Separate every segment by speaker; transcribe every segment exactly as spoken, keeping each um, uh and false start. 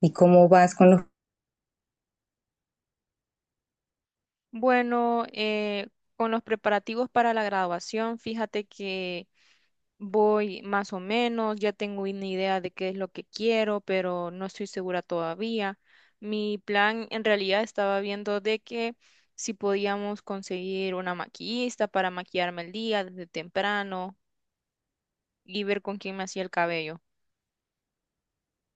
Speaker 1: ¿Y cómo vas con los...
Speaker 2: Bueno, eh, con los preparativos para la graduación, fíjate que voy más o menos, ya tengo una idea de qué es lo que quiero, pero no estoy segura todavía. Mi plan en realidad estaba viendo de que si podíamos conseguir una maquillista para maquillarme el día desde temprano y ver con quién me hacía el cabello.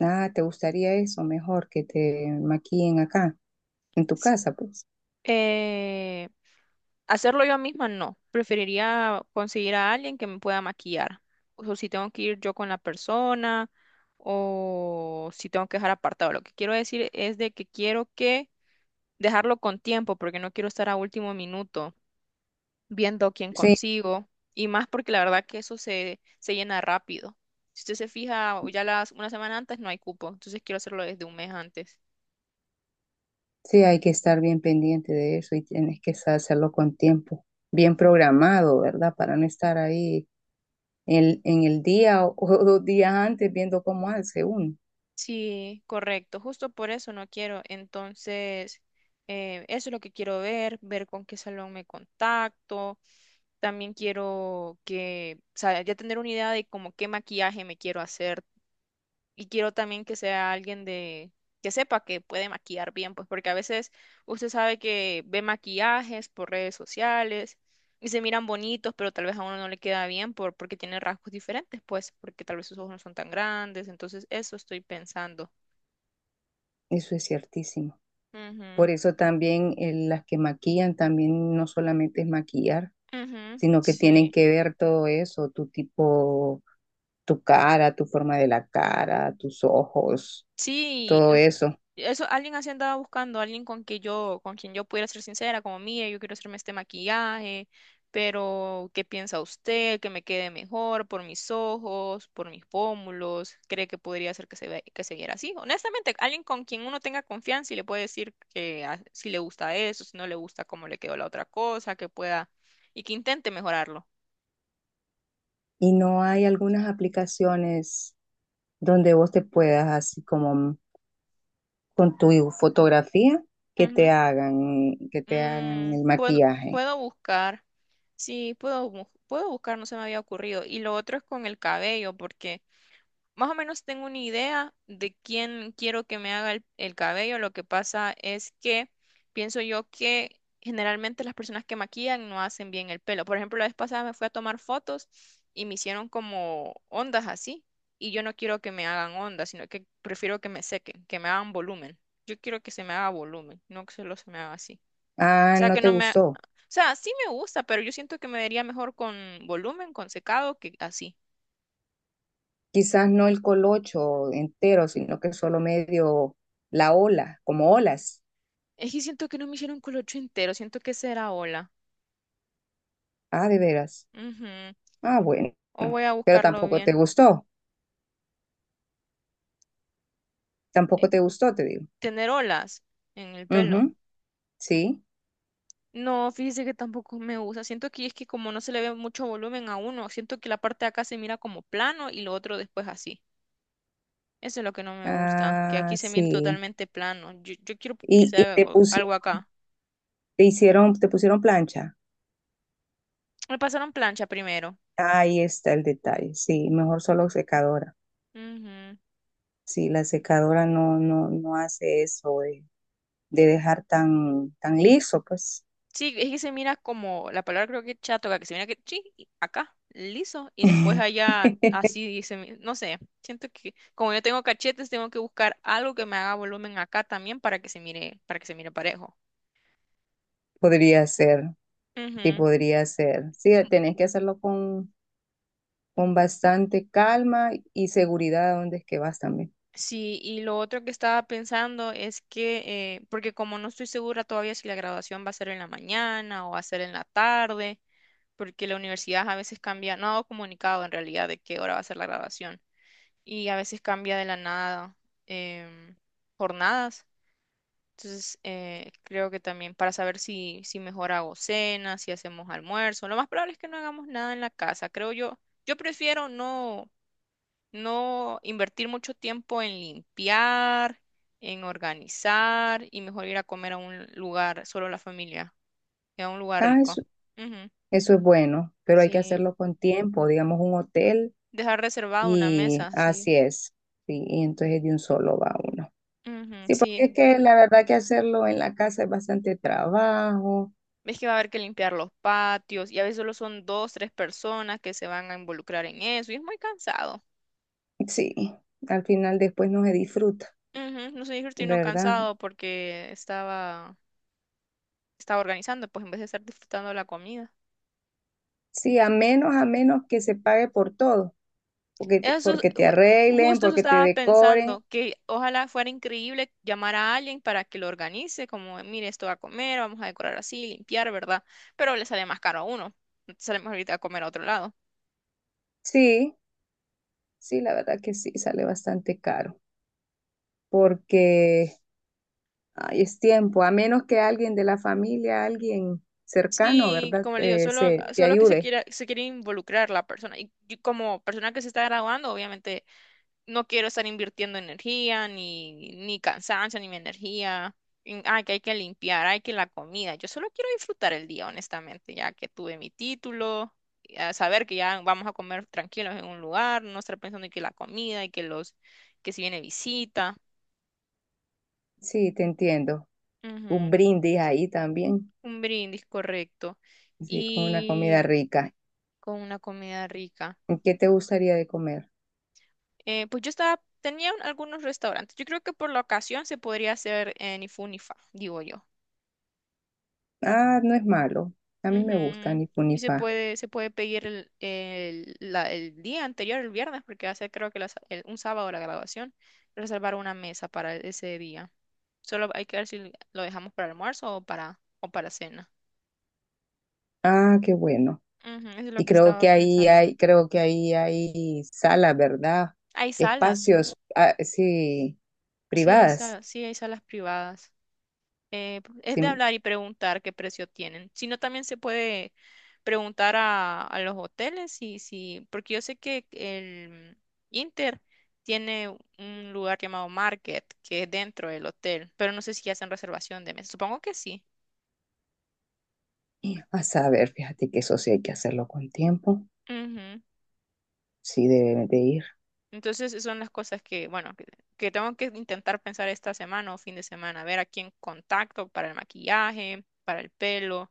Speaker 1: Ah, ¿te gustaría eso? Mejor que te maquillen acá, en tu casa, pues.
Speaker 2: Eh, hacerlo yo misma, no. Preferiría conseguir a alguien que me pueda maquillar. O si tengo que ir yo con la persona, o si tengo que dejar apartado. Lo que quiero decir es de que quiero que dejarlo con tiempo, porque no quiero estar a último minuto viendo quién
Speaker 1: Sí,
Speaker 2: consigo. Y más porque la verdad que eso se, se llena rápido. Si usted se fija, ya las una semana antes no hay cupo, entonces quiero hacerlo desde un mes antes.
Speaker 1: sí, hay que estar bien pendiente de eso y tienes que sa- hacerlo con tiempo, bien programado, ¿verdad? Para no estar ahí en, en el día o, o dos días antes viendo cómo hace uno.
Speaker 2: Sí, correcto, justo por eso no quiero. Entonces, eh, eso es lo que quiero ver, ver con qué salón me contacto. También quiero que, o sea, ya tener una idea de como qué maquillaje me quiero hacer. Y quiero también que sea alguien de, que sepa que puede maquillar bien, pues porque a veces usted sabe que ve maquillajes por redes sociales y se miran bonitos, pero tal vez a uno no le queda bien por, porque tiene rasgos diferentes, pues porque tal vez sus ojos no son tan grandes. Entonces, eso estoy pensando.
Speaker 1: Eso es ciertísimo.
Speaker 2: Ujú,
Speaker 1: Por eso también eh, las que maquillan también no solamente es maquillar,
Speaker 2: ujú,
Speaker 1: sino que tienen
Speaker 2: sí,
Speaker 1: que ver todo eso, tu tipo, tu cara, tu forma de la cara, tus ojos,
Speaker 2: sí,
Speaker 1: todo
Speaker 2: es-
Speaker 1: eso.
Speaker 2: eso alguien así andaba buscando, alguien con que yo, con quien yo pudiera ser sincera, como mire, yo quiero hacerme este maquillaje, pero ¿qué piensa usted? Que me quede mejor por mis ojos, por mis pómulos, ¿cree que podría ser que se ve, que se viera así? Honestamente, alguien con quien uno tenga confianza y le puede decir que ah, si le gusta eso, si no le gusta cómo le quedó la otra cosa, que pueda y que intente mejorarlo.
Speaker 1: ¿Y no hay algunas aplicaciones donde vos te puedas, así como con tu fotografía, que te hagan, que te hagan
Speaker 2: Mm,
Speaker 1: el
Speaker 2: puedo,
Speaker 1: maquillaje?
Speaker 2: puedo buscar. Sí, puedo, bu- puedo buscar, no se me había ocurrido. Y lo otro es con el cabello, porque más o menos tengo una idea de quién quiero que me haga el, el cabello. Lo que pasa es que pienso yo que generalmente las personas que maquillan no hacen bien el pelo. Por ejemplo, la vez pasada me fui a tomar fotos y me hicieron como ondas así. Y yo no quiero que me hagan ondas, sino que prefiero que me sequen, que me hagan volumen. Yo quiero que se me haga volumen, no que solo se me haga así
Speaker 1: Ah,
Speaker 2: sea,
Speaker 1: no
Speaker 2: que
Speaker 1: te
Speaker 2: no me. O
Speaker 1: gustó.
Speaker 2: sea, sí me gusta, pero yo siento que me vería mejor con volumen, con secado, que así.
Speaker 1: Quizás no el colocho entero, sino que solo medio la ola, como olas.
Speaker 2: Es que siento que no me hicieron colocho entero, siento que será ola.
Speaker 1: Ah, de veras.
Speaker 2: Ujú.
Speaker 1: Ah, bueno.
Speaker 2: O voy a
Speaker 1: Pero
Speaker 2: buscarlo
Speaker 1: tampoco te
Speaker 2: bien.
Speaker 1: gustó. Tampoco te gustó, te digo.
Speaker 2: Tener olas en el pelo.
Speaker 1: Ujú, sí.
Speaker 2: No, fíjese que tampoco me gusta. Siento que es que como no se le ve mucho volumen a uno, siento que la parte de acá se mira como plano y lo otro después así. Eso es lo que no me gusta, que aquí
Speaker 1: Ah,
Speaker 2: se mire
Speaker 1: sí.
Speaker 2: totalmente plano. Yo, yo quiero que
Speaker 1: Y,
Speaker 2: se
Speaker 1: y
Speaker 2: haga
Speaker 1: te
Speaker 2: algo algo
Speaker 1: pusieron,
Speaker 2: acá.
Speaker 1: te hicieron, te pusieron plancha.
Speaker 2: Me pasaron plancha primero.
Speaker 1: Ahí está el detalle. Sí, mejor solo secadora.
Speaker 2: Ujú.
Speaker 1: Sí, la secadora no, no, no hace eso de, de dejar tan, tan liso, pues.
Speaker 2: Sí, es que se mira como, la palabra creo que chatoca, que se mira que sí y acá, liso, y después allá así dice, mi- no sé, siento que como yo tengo cachetes, tengo que buscar algo que me haga volumen acá también para que se mire, para que se mire parejo.
Speaker 1: Podría ser, sí,
Speaker 2: Ujú.
Speaker 1: podría ser. Sí, tenés que hacerlo con, con bastante calma y seguridad a dónde es que vas también.
Speaker 2: Sí, y lo otro que estaba pensando es que, eh, porque como no estoy segura todavía si la graduación va a ser en la mañana o va a ser en la tarde, porque la universidad a veces cambia, no ha dado comunicado en realidad de qué hora va a ser la graduación. Y a veces cambia de la nada em, jornadas. Entonces, eh, creo que también para saber si, si mejor hago cena, si hacemos almuerzo, lo más probable es que no hagamos nada en la casa, creo yo. Yo prefiero no, no invertir mucho tiempo en limpiar, en organizar y mejor ir a comer a un lugar, solo la familia, y a un lugar
Speaker 1: Ah,
Speaker 2: rico.
Speaker 1: es...
Speaker 2: Ujú,
Speaker 1: Eso es bueno, pero hay que
Speaker 2: sí,
Speaker 1: hacerlo con tiempo, digamos un hotel,
Speaker 2: dejar reservada una
Speaker 1: y
Speaker 2: mesa, sí.
Speaker 1: así es. Sí, y entonces de un solo va uno.
Speaker 2: Ujú,
Speaker 1: Sí, porque
Speaker 2: sí.
Speaker 1: es que la verdad que hacerlo en la casa es bastante trabajo.
Speaker 2: Ves que va a haber que limpiar los patios y a veces solo son dos, tres personas que se van a involucrar en eso y es muy cansado.
Speaker 1: Sí, al final después no se disfruta,
Speaker 2: Ujú, no soy no
Speaker 1: ¿verdad?
Speaker 2: cansado porque estaba, estaba organizando, pues en vez de estar disfrutando la comida.
Speaker 1: Sí, a menos, a menos que se pague por todo, porque, te-
Speaker 2: Eso, es-
Speaker 1: porque te
Speaker 2: u-
Speaker 1: arreglen,
Speaker 2: justo eso
Speaker 1: porque te
Speaker 2: estaba
Speaker 1: decoren.
Speaker 2: pensando, que ojalá fuera increíble llamar a alguien para que lo organice, como, mire, esto va a comer, vamos a decorar así, limpiar, ¿verdad? Pero le sale más caro a uno, sale más ahorita a comer a otro lado.
Speaker 1: Sí, sí, la verdad que sí, sale bastante caro, porque... Ay, es tiempo, a menos que alguien de la familia, alguien cercano,
Speaker 2: Sí,
Speaker 1: ¿verdad?
Speaker 2: como le digo,
Speaker 1: Eh,
Speaker 2: solo,
Speaker 1: se te
Speaker 2: solo que se
Speaker 1: ayude.
Speaker 2: quiera, se quiere involucrar la persona. Y yo como persona que se está graduando, obviamente no quiero estar invirtiendo energía, ni, ni cansancio, ni mi energía. En, ay, que hay que limpiar, hay que la comida. Yo solo quiero disfrutar el día, honestamente, ya que tuve mi título, y a saber que ya vamos a comer tranquilos en un lugar, no estar pensando en que la comida y que los, que si viene visita.
Speaker 1: Sí, te entiendo. Un
Speaker 2: Ujú.
Speaker 1: brindis ahí también,
Speaker 2: Un brindis, correcto.
Speaker 1: sí, con una
Speaker 2: Y
Speaker 1: comida rica.
Speaker 2: con una comida rica.
Speaker 1: ¿Y ¿Qué te gustaría de comer?
Speaker 2: Eh, pues yo estaba, tenía un- algunos restaurantes. Yo creo que por la ocasión se podría hacer en Ifunifa, digo yo.
Speaker 1: Ah, no es malo. A mí me gusta
Speaker 2: Ujú.
Speaker 1: ni fu ni
Speaker 2: Y se
Speaker 1: fa.
Speaker 2: puede, se puede pedir el, el, la- el día anterior, el viernes, porque hace creo que la sa- el- un sábado la graduación, reservar una mesa para ese día. Solo hay que ver si lo dejamos para almuerzo o para, o para cena.
Speaker 1: Ah, qué bueno.
Speaker 2: Ujú, eso es lo
Speaker 1: Y
Speaker 2: que
Speaker 1: creo
Speaker 2: estaba
Speaker 1: que ahí
Speaker 2: pensando.
Speaker 1: hay, creo que ahí hay salas, ¿verdad?
Speaker 2: Hay salas,
Speaker 1: Espacios, ah, sí,
Speaker 2: sí hay
Speaker 1: privadas.
Speaker 2: salas, sí hay salas privadas. Eh, es de
Speaker 1: Sí.
Speaker 2: hablar y preguntar qué precio tienen. Si no, también se puede preguntar a, a los hoteles y si, porque yo sé que el Inter tiene un lugar llamado Market, que es dentro del hotel, pero no sé si hacen reservación de mesa. Supongo que sí.
Speaker 1: A saber, fíjate que eso sí hay que hacerlo con tiempo.
Speaker 2: Ujú.
Speaker 1: Sí, deben de ir.
Speaker 2: Entonces, esas son las cosas que, bueno, que, que, tengo que intentar pensar esta semana o fin de semana, ver a quién contacto para el maquillaje, para el pelo.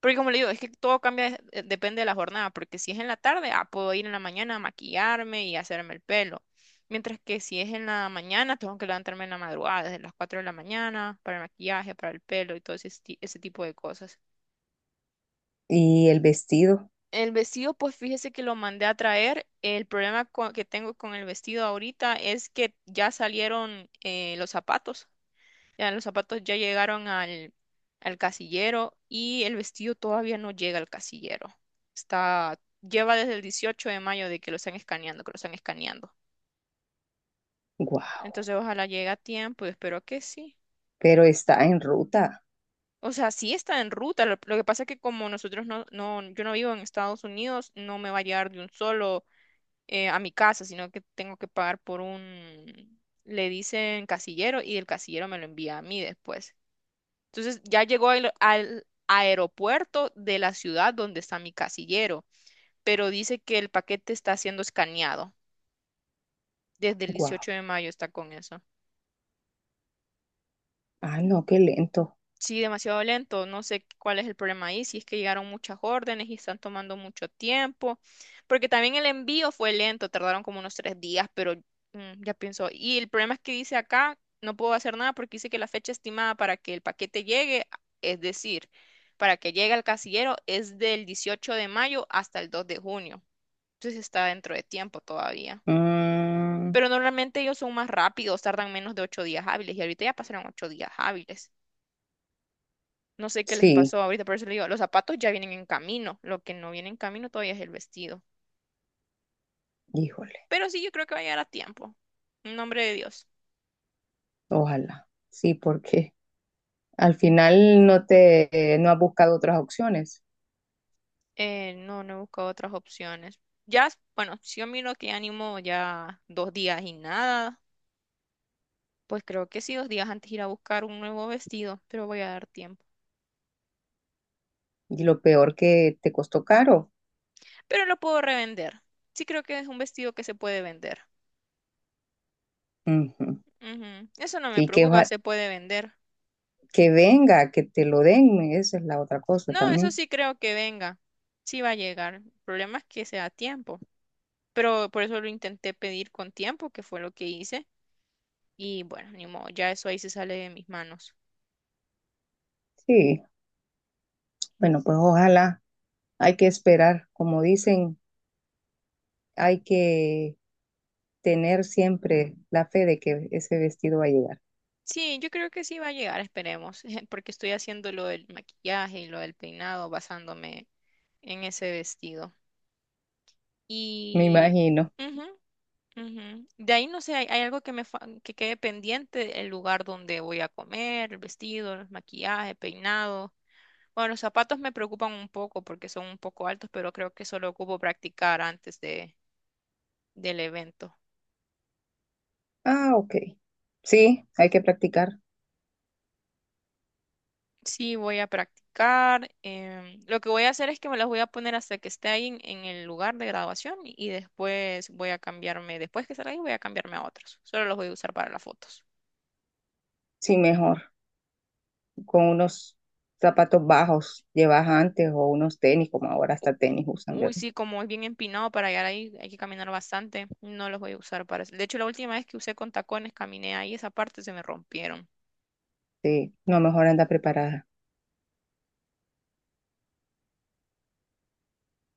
Speaker 2: Porque como le digo, es que todo cambia, de- eh, depende de la jornada, porque si es en la tarde, ah, puedo ir en la mañana a maquillarme y hacerme el pelo. Mientras que si es en la mañana, tengo que levantarme en la madrugada, desde las cuatro de la mañana, para el maquillaje, para el pelo y todo ese, esti- ese tipo de cosas.
Speaker 1: Y el vestido,
Speaker 2: El vestido, pues fíjese que lo mandé a traer. El problema co- que tengo con el vestido ahorita es que ya salieron eh, los zapatos. Ya los zapatos ya llegaron al, al casillero y el vestido todavía no llega al casillero. Está, lleva desde el dieciocho de mayo de que lo están escaneando, que lo están escaneando.
Speaker 1: wow,
Speaker 2: Entonces ojalá llegue a tiempo y espero que sí.
Speaker 1: pero está en ruta,
Speaker 2: O sea, sí está en ruta. Lo, lo que pasa es que como nosotros no, no, yo no vivo en Estados Unidos, no me va a llegar de un solo eh, a mi casa, sino que tengo que pagar por un, le dicen casillero y el casillero me lo envía a mí después. Entonces ya llegó al, al aeropuerto de la ciudad donde está mi casillero, pero dice que el paquete está siendo escaneado. Desde el
Speaker 1: wow.
Speaker 2: dieciocho de mayo está con eso.
Speaker 1: Ah, no, qué lento.
Speaker 2: Sí, demasiado lento. No sé cuál es el problema ahí, si es que llegaron muchas órdenes y están tomando mucho tiempo, porque también el envío fue lento, tardaron como unos tres días, pero mm, ya pienso. Y el problema es que dice acá, no puedo hacer nada porque dice que la fecha estimada para que el paquete llegue, es decir, para que llegue al casillero es del dieciocho de mayo hasta el dos de junio. Entonces está dentro de tiempo todavía.
Speaker 1: Mm,
Speaker 2: Pero normalmente ellos son más rápidos, tardan menos de ocho días hábiles y ahorita ya pasaron ocho días hábiles. No sé qué les
Speaker 1: sí,
Speaker 2: pasó ahorita, por eso le digo, los zapatos ya vienen en camino. Lo que no viene en camino todavía es el vestido.
Speaker 1: híjole,
Speaker 2: Pero sí, yo creo que va a llegar a tiempo. En nombre de Dios.
Speaker 1: ojalá. Sí, porque al final no te, no has buscado otras opciones.
Speaker 2: Eh, no, no he buscado otras opciones. Ya, bueno, si yo miro que animo ya dos días y nada, pues creo que sí, dos días antes ir a buscar un nuevo vestido, pero voy a dar tiempo.
Speaker 1: Y lo peor que te costó caro.
Speaker 2: Pero lo puedo revender. Sí creo que es un vestido que se puede vender.
Speaker 1: Ujú.
Speaker 2: Ujú. Eso no me
Speaker 1: Sí, que,
Speaker 2: preocupa,
Speaker 1: oja-
Speaker 2: se puede vender.
Speaker 1: que venga, que te lo den, esa es la otra cosa
Speaker 2: No, eso
Speaker 1: también.
Speaker 2: sí creo que venga. Sí va a llegar. El problema es que sea a tiempo. Pero por eso lo intenté pedir con tiempo, que fue lo que hice. Y bueno, ni modo, ya eso ahí se sale de mis manos.
Speaker 1: Sí, bueno, pues ojalá. Hay que esperar, como dicen, hay que tener siempre la fe de que ese vestido va a llegar.
Speaker 2: Sí, yo creo que sí va a llegar, esperemos, porque estoy haciendo lo del maquillaje y lo del peinado basándome en ese vestido.
Speaker 1: Me
Speaker 2: Y
Speaker 1: imagino.
Speaker 2: ujú, ujú. De ahí no sé, hay, hay algo que me fa- que quede pendiente, el lugar donde voy a comer, el vestido, el maquillaje, peinado. Bueno, los zapatos me preocupan un poco porque son un poco altos, pero creo que solo ocupo practicar antes de, del evento.
Speaker 1: Ah, ok. Sí, hay que practicar.
Speaker 2: Sí, voy a practicar. Em, lo que voy a hacer es que me las voy a poner hasta que esté ahí en, en el lugar de graduación y después voy a cambiarme, después que salga ahí voy a cambiarme a otros. Solo los voy a usar para las fotos.
Speaker 1: Sí, mejor. Con unos zapatos bajos llevas antes o unos tenis, como ahora
Speaker 2: U-
Speaker 1: hasta
Speaker 2: u-
Speaker 1: tenis usan,
Speaker 2: Uy,
Speaker 1: ¿verdad?
Speaker 2: sí, como es bien empinado para llegar ahí, hay que caminar bastante. No los voy a usar para eso. De hecho, la última vez que usé con tacones, caminé ahí, esa parte se me rompieron.
Speaker 1: Sí, no, mejor anda preparada.